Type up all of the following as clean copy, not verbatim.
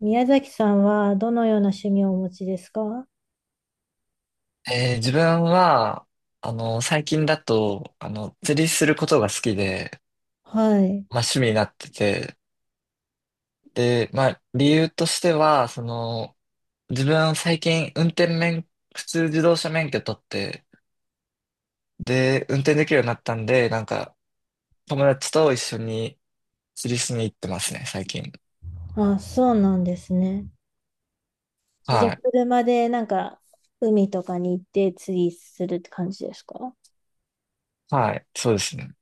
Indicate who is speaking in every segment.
Speaker 1: 宮崎さんはどのような趣味をお持ちですか？
Speaker 2: 自分は、あの、最近だと、あの、釣りすることが好きで、
Speaker 1: はい。
Speaker 2: まあ趣味になってて、で、まあ理由としては、その、自分最近運転免、普通自動車免許取って、で、運転できるようになったんで、なんか、友達と一緒に釣りしに行ってますね、最近。
Speaker 1: あ、そうなんですね。じゃあ、
Speaker 2: はい。
Speaker 1: 車でなんか海とかに行って釣りするって感じですか？
Speaker 2: はい。そうですね。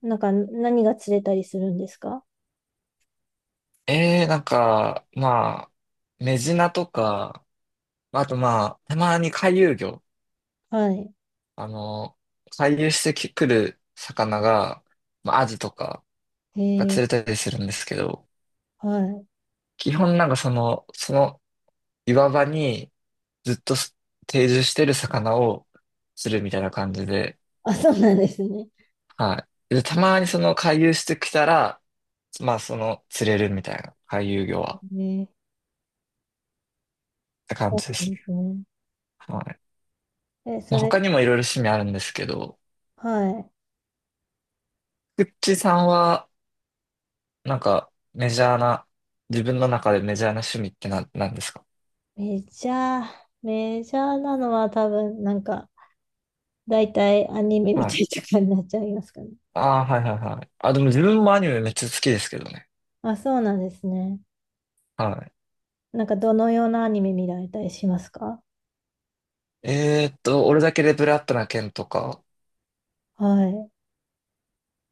Speaker 1: なんか何が釣れたりするんですか？
Speaker 2: なんか、まあ、メジナとか、あとまあ、たまに回遊魚。
Speaker 1: はい。
Speaker 2: あの、回遊してくる魚が、まあ、アジとかが
Speaker 1: へえ、
Speaker 2: 釣れたりするんですけど、
Speaker 1: はい。
Speaker 2: 基本なんかその、その岩場にずっと定住してる魚を釣るみたいな感じで、
Speaker 1: あ、そうなんですね。
Speaker 2: はい。で、たまにその回遊してきたら、まあその釣れるみたいな、回遊魚は、
Speaker 1: へえ、
Speaker 2: って感
Speaker 1: そ
Speaker 2: じ
Speaker 1: う
Speaker 2: で
Speaker 1: な
Speaker 2: す
Speaker 1: ん
Speaker 2: ね。
Speaker 1: ですね。
Speaker 2: はい。
Speaker 1: え、
Speaker 2: ま
Speaker 1: そ
Speaker 2: あ他
Speaker 1: れ、
Speaker 2: にもいろいろ趣味あるんですけど、
Speaker 1: はい。
Speaker 2: くっちさんは、なんかメジャーな、自分の中でメジャーな趣味ってなんですか？
Speaker 1: メジャー、メジャーなのは多分なんか大体アニメ見い
Speaker 2: はい。
Speaker 1: なとかになっちゃいますかね。
Speaker 2: ああ、はいはいはい。あ、でも自分もアニメめっちゃ好きですけどね。
Speaker 1: あ、そうなんですね。
Speaker 2: は
Speaker 1: なんかどのようなアニメ見られたりしますか？
Speaker 2: い。俺だけでブラッドな剣とか、
Speaker 1: はい。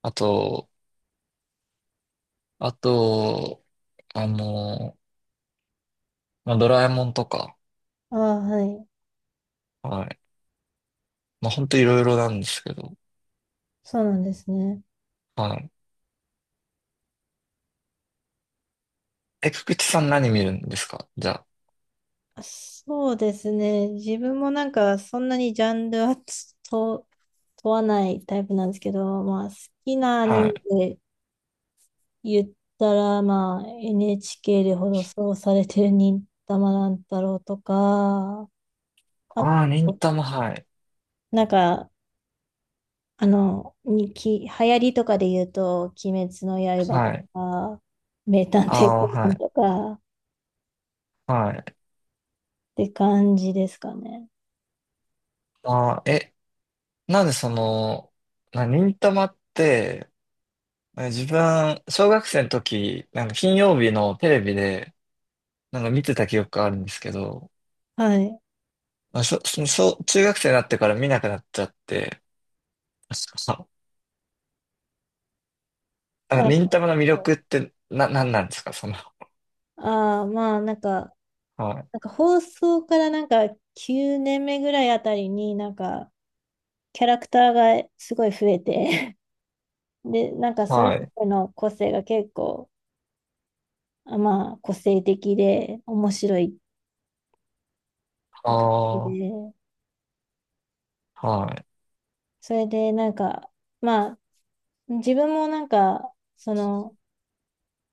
Speaker 2: あと、あと、あのまあ、ドラえもんとか、
Speaker 1: ああ、はい。
Speaker 2: はい。まあ、ほんといろいろなんですけど、
Speaker 1: そうなんですね。
Speaker 2: はい。え、くくちさん何見るんですかじゃ
Speaker 1: あそうですね。自分もなんかそんなにジャンルはつと問わないタイプなんですけど、まあ好きなア
Speaker 2: あ？
Speaker 1: ニ
Speaker 2: は
Speaker 1: メ
Speaker 2: い。
Speaker 1: で言ったら、まあ NHK で放送されてる忍たま乱太郎とか、あ
Speaker 2: ああ、忍
Speaker 1: と、
Speaker 2: たま、はい。
Speaker 1: なんか、あの、流行りとかで言うと、鬼滅の刃と
Speaker 2: はい。
Speaker 1: か、名探
Speaker 2: あ
Speaker 1: 偵
Speaker 2: あ、
Speaker 1: コナ
Speaker 2: は
Speaker 1: ンと
Speaker 2: い。
Speaker 1: か、
Speaker 2: はい。
Speaker 1: って感じですかね。
Speaker 2: ああ、え、なんでその、忍たまって、え自分、小学生の時、なんか金曜日のテレビで、なんか見てた記憶があるんですけど、
Speaker 1: はい。
Speaker 2: まあ、そう中学生になってから見なくなっちゃって、あ、あ
Speaker 1: あ、
Speaker 2: 忍たまの魅力ってなんなんですか、その？
Speaker 1: まあ、なんか、
Speaker 2: はい。
Speaker 1: なんか放送からなんか9年目ぐらいあたりになんかキャラクターがすごい増えて で、なんかそれ
Speaker 2: は
Speaker 1: ぞ
Speaker 2: い。
Speaker 1: れの個性が結構、あまあ、個性的で面白いって感じ
Speaker 2: あ
Speaker 1: で、
Speaker 2: あ、はい。
Speaker 1: それでなんか、まあ、自分もなんか、その、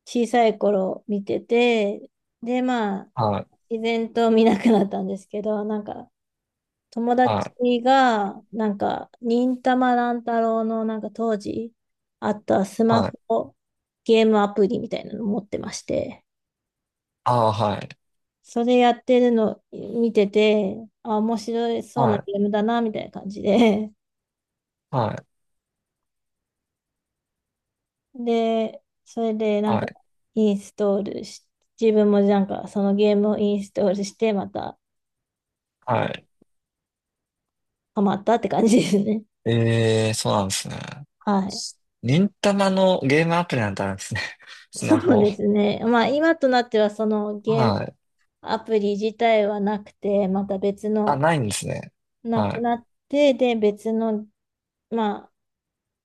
Speaker 1: 小さい頃見てて、で、まあ、
Speaker 2: はい。
Speaker 1: 自然と見なくなったんですけど、なんか、友
Speaker 2: は
Speaker 1: 達
Speaker 2: い。
Speaker 1: が、なんか、忍たま乱太郎の、なんか当時あったスマ
Speaker 2: はい。
Speaker 1: ホゲームアプリみたいなの持ってまして、
Speaker 2: ああ、はい。
Speaker 1: それやってるの見てて、あ、面白そう
Speaker 2: は
Speaker 1: な
Speaker 2: い。
Speaker 1: ゲームだな、みたいな感じで、
Speaker 2: はい。
Speaker 1: で、それでなん
Speaker 2: は
Speaker 1: か、
Speaker 2: い。
Speaker 1: インストールし、自分もなんか、そのゲームをインストールして、また、
Speaker 2: は
Speaker 1: あ
Speaker 2: い。
Speaker 1: ハマったって感じですね。
Speaker 2: ええ、そうなんですね。
Speaker 1: はい。
Speaker 2: 忍たまのゲームアプリなんてあるんですね。スマ
Speaker 1: そう
Speaker 2: ホ。
Speaker 1: ですね。まあ、今となっては、そのゲーム
Speaker 2: はい。
Speaker 1: アプリ自体はなくて、また別
Speaker 2: あ、
Speaker 1: の、
Speaker 2: ないんですね。
Speaker 1: な
Speaker 2: は
Speaker 1: く
Speaker 2: い。
Speaker 1: なって、で、別の、ま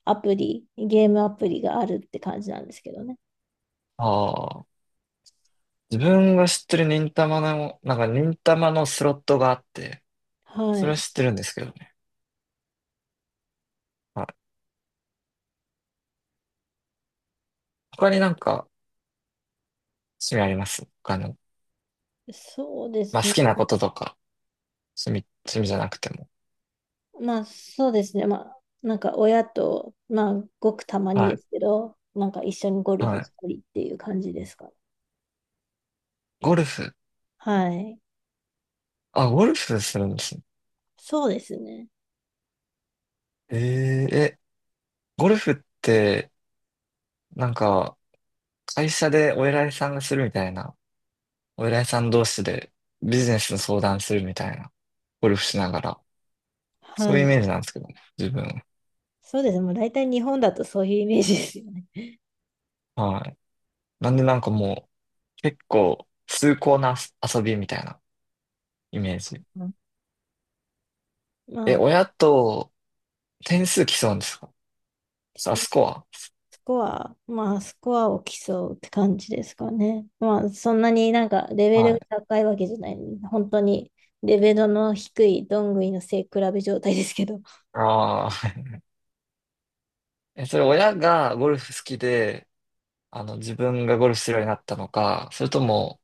Speaker 1: あ、アプリ、ゲームアプリがあるって感じなんですけどね。
Speaker 2: ああ。自分が知ってる忍たまの、なんか忍たまのスロットがあって、
Speaker 1: は
Speaker 2: それは
Speaker 1: い。
Speaker 2: 知ってるんですけどね。はい。他になんか趣味あります他の？
Speaker 1: そうで
Speaker 2: まあ
Speaker 1: すね。
Speaker 2: 好きなこととか、趣味じゃなくても。
Speaker 1: まあ、そうですね。まあ、なんか親と、まあ、ごくたまに
Speaker 2: は
Speaker 1: で
Speaker 2: い。
Speaker 1: すけど、なんか一緒にゴル
Speaker 2: は
Speaker 1: フし
Speaker 2: い。
Speaker 1: たりっていう感じですかね。
Speaker 2: ゴルフ。
Speaker 1: はい。
Speaker 2: あ、ゴルフするんですね。
Speaker 1: そうですね。
Speaker 2: ええ、ゴルフって、なんか、会社でお偉いさんがするみたいな、お偉いさん同士でビジネスの相談するみたいな、ゴルフしながら、
Speaker 1: は
Speaker 2: そういうイ
Speaker 1: い。
Speaker 2: メージなんですけどね、自分。
Speaker 1: そうですね。もう大体日本だとそういうイメージですよね。
Speaker 2: はい。なんでなんかもう、結構、崇高な遊びみたいなイメージ。
Speaker 1: うん、ま
Speaker 2: え、
Speaker 1: あ、
Speaker 2: 親と点数競うんですか？あ、スコ
Speaker 1: スコアを競うって感じですかね。まあ、そんなになんかレベ
Speaker 2: ア、
Speaker 1: ル
Speaker 2: は
Speaker 1: が
Speaker 2: い。
Speaker 1: 高いわけじゃない。本当にレベルの低いどんぐりの背比べ状態ですけど。
Speaker 2: ああ。え、それ親がゴルフ好きで、あの、自分がゴルフするようになったのか、それとも、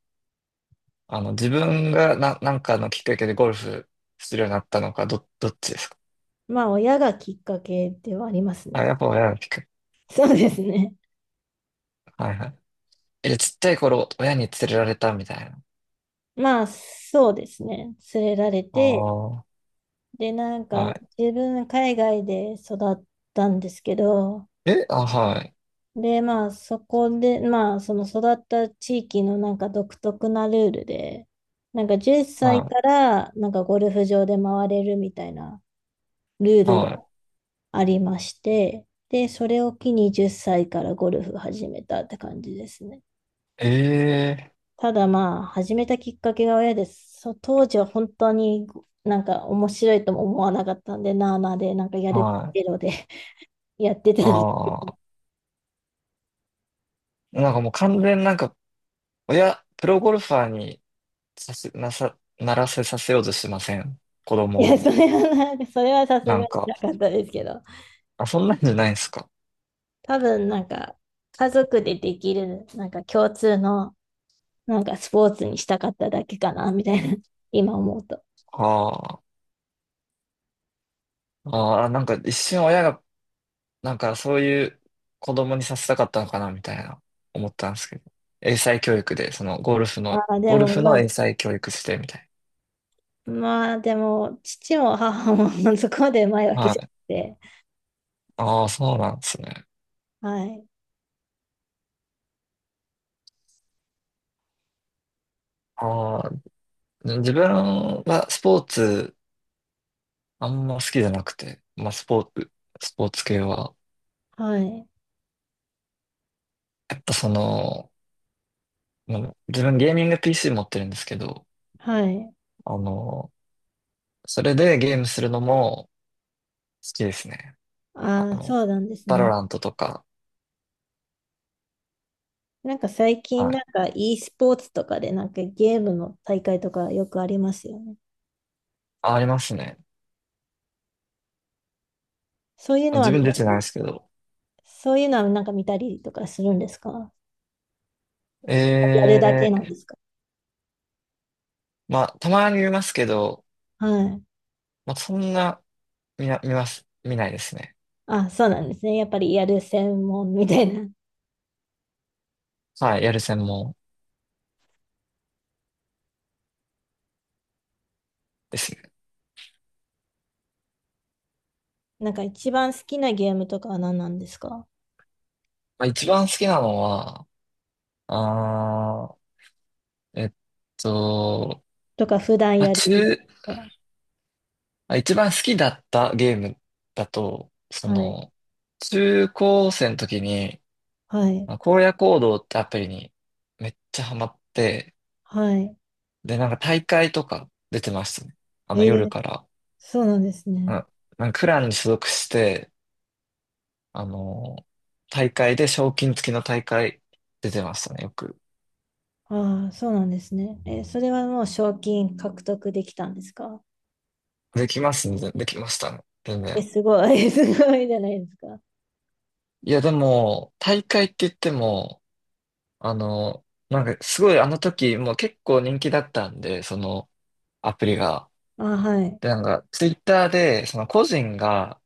Speaker 2: あの、自分がなんかのきっかけでゴルフするようになったのか、どっちですか？
Speaker 1: まあ、親がきっかけではあります
Speaker 2: あ、
Speaker 1: ね。
Speaker 2: やっぱ親のきっかけ。
Speaker 1: そうですね。
Speaker 2: はいはい。え、ちっちゃい頃、親に連れられたみたいな。
Speaker 1: まあ、そうですね。連れられ
Speaker 2: あ
Speaker 1: て、
Speaker 2: あ。
Speaker 1: で、なんか
Speaker 2: は
Speaker 1: 自分海外で育ったんですけど、
Speaker 2: い。え、あ、はい。
Speaker 1: で、まあ、そこで、まあ、その育った地域のなんか独特なルールで、なんか10
Speaker 2: は
Speaker 1: 歳か
Speaker 2: い。
Speaker 1: らなんかゴルフ場で回れるみたいなルールが
Speaker 2: は
Speaker 1: ありまして、で、それを機に10歳からゴルフ始めたって感じですね。
Speaker 2: い。ええ、
Speaker 1: ただまあ、始めたきっかけが親です。当時は本当になんか面白いとも思わなかったんで、なあなあで、なんかやる
Speaker 2: はい。
Speaker 1: けどで やってたんです。
Speaker 2: ああ。なんかもう完全になんか、親、プロゴルファーにさせ、なさ、ならせさせようとしてません。子
Speaker 1: い
Speaker 2: 供
Speaker 1: や、
Speaker 2: を。
Speaker 1: それはさすが
Speaker 2: な
Speaker 1: に
Speaker 2: んか、
Speaker 1: なかったですけど。
Speaker 2: あ、そんなんじゃないんですか？
Speaker 1: 多分なんか家族でできるなんか共通のなんかスポーツにしたかっただけかなみたいな 今思うと。
Speaker 2: ああ、ああ、なんか一瞬親が、なんかそういう子供にさせたかったのかな、みたいな、思ったんですけど。英才教育で、そのゴルフ
Speaker 1: あ
Speaker 2: の、
Speaker 1: あ、で
Speaker 2: ゴル
Speaker 1: も
Speaker 2: フ
Speaker 1: まあ、
Speaker 2: の英才教育して、みたい
Speaker 1: まあでも父も母も そこまでうまいわ
Speaker 2: な。
Speaker 1: けじ
Speaker 2: は
Speaker 1: ゃ
Speaker 2: い。
Speaker 1: なくて。
Speaker 2: ああ、そうなんですね。
Speaker 1: はい。
Speaker 2: ああ、自分はスポーツ、あんま好きじゃなくて、まあスポーツ系は。
Speaker 1: はい。
Speaker 2: やっぱその、まあ自分ゲーミング PC 持ってるんですけど、
Speaker 1: はい。
Speaker 2: あの、それでゲームするのも好きですね。あ
Speaker 1: ああ、
Speaker 2: の、
Speaker 1: そうなんです
Speaker 2: バロ
Speaker 1: ね。
Speaker 2: ラントとか、
Speaker 1: なんか最近
Speaker 2: は
Speaker 1: なん
Speaker 2: い。
Speaker 1: か e スポーツとかでなんかゲームの大会とかよくありますよね。
Speaker 2: あ、ありますね。
Speaker 1: そういうの
Speaker 2: 自
Speaker 1: は見た
Speaker 2: 分出てないで
Speaker 1: り、
Speaker 2: すけど。
Speaker 1: そういうのはなんか見たりとかするんですか？やる
Speaker 2: え
Speaker 1: だけ
Speaker 2: え、
Speaker 1: なんですか？
Speaker 2: まあ、たまに見ますけど、
Speaker 1: はい。
Speaker 2: まあ、そんな、見ないですね。
Speaker 1: あ、そうなんですね。やっぱりやる専門みたいな。
Speaker 2: はい、やる専門ですね。
Speaker 1: なんか一番好きなゲームとかは何なんですか？
Speaker 2: まあ、一番好きなのは、あー、えっと、
Speaker 1: とか普段
Speaker 2: まあ、
Speaker 1: やるゲームとか。
Speaker 2: まあ一番好きだったゲームだと、そ
Speaker 1: はい。
Speaker 2: の、中高生の時に、
Speaker 1: はい。
Speaker 2: まあ荒野行動ってアプリにめっちゃハマって、
Speaker 1: はい。
Speaker 2: で、なんか大会とか出てましたね。あ
Speaker 1: え
Speaker 2: の夜
Speaker 1: ー、
Speaker 2: から。
Speaker 1: そうなんです
Speaker 2: う
Speaker 1: ね。
Speaker 2: ん、なんかクランに所属して、あの、大会で賞金付きの大会出てましたね、よく。
Speaker 1: ああ、そうなんですね。それはもう賞金獲得できたんですか？
Speaker 2: できますね、できましたね、全
Speaker 1: え、
Speaker 2: 然。
Speaker 1: すごい。すごいじゃないですか。
Speaker 2: いや、でも、大会って言っても、あの、なんかすごいあの時もう結構人気だったんで、その、アプリが。
Speaker 1: あ、はい。
Speaker 2: で、なんか、ツイッターで、その個人が、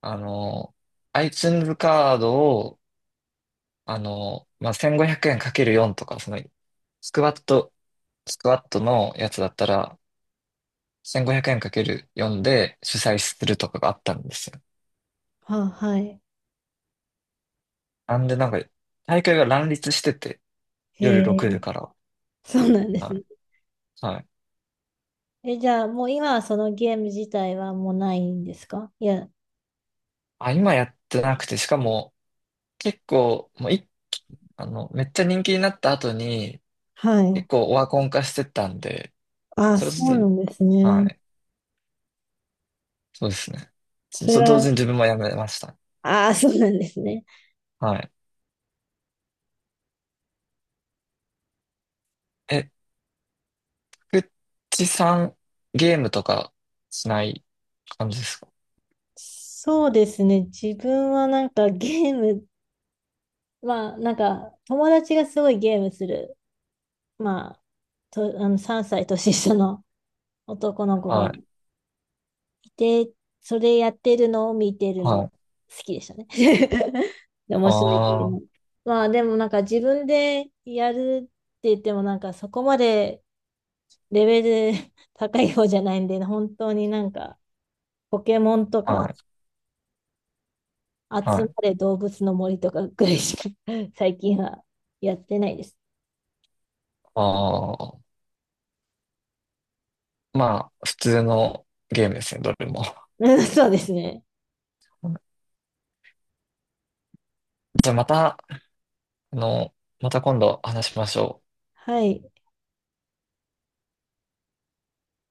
Speaker 2: あの、iTunes カードを、あの、まあ、1500円かける4とか、その、スクワット、スクワットのやつだったら、1500円かける4で主催するとかがあったんですよ。
Speaker 1: あ、はい。
Speaker 2: なんで、なんか、大会が乱立してて、
Speaker 1: へ
Speaker 2: 夜
Speaker 1: え、
Speaker 2: 6時から。
Speaker 1: そうなんで
Speaker 2: は
Speaker 1: す
Speaker 2: い。
Speaker 1: ね。
Speaker 2: はい。
Speaker 1: え、じゃあもう今はそのゲーム自体はもうないんですか？いや、
Speaker 2: あ、今やってなくて、しかも、結構、もうい、あの、めっちゃ人気になった後に、
Speaker 1: はい。
Speaker 2: 結構オワコン化してったんで、
Speaker 1: あ、
Speaker 2: それと
Speaker 1: そうな
Speaker 2: と、
Speaker 1: んです
Speaker 2: は
Speaker 1: ね。
Speaker 2: い。そうですね。
Speaker 1: それ
Speaker 2: 同
Speaker 1: は
Speaker 2: 時に自分もやめました。
Speaker 1: ああ、そうなんですね。
Speaker 2: はい。え、くっちさん、ゲームとかしない感じですか？
Speaker 1: そうですね。自分はなんかゲーム、まあなんか友達がすごいゲームする、まあ、と、あの3歳年下の男の子
Speaker 2: は
Speaker 1: が
Speaker 2: い。
Speaker 1: いて、それやってるのを見てるのが
Speaker 2: は
Speaker 1: 好
Speaker 2: い。
Speaker 1: きでしたね。で面白いっていう
Speaker 2: あ
Speaker 1: の。
Speaker 2: あ
Speaker 1: まあでもなんか自分でやるって言ってもなんかそこまでレベル 高い方じゃないんで、本当になんかポケモンと
Speaker 2: ー、は
Speaker 1: か
Speaker 2: い。は
Speaker 1: 集ま
Speaker 2: い。
Speaker 1: れ動物の森とかぐらいしか 最近はやってないです。
Speaker 2: ああ。まあ、普通のゲームですね、どれも。
Speaker 1: そうですね。
Speaker 2: じゃあまた、あの、また今度話しましょう。
Speaker 1: はい。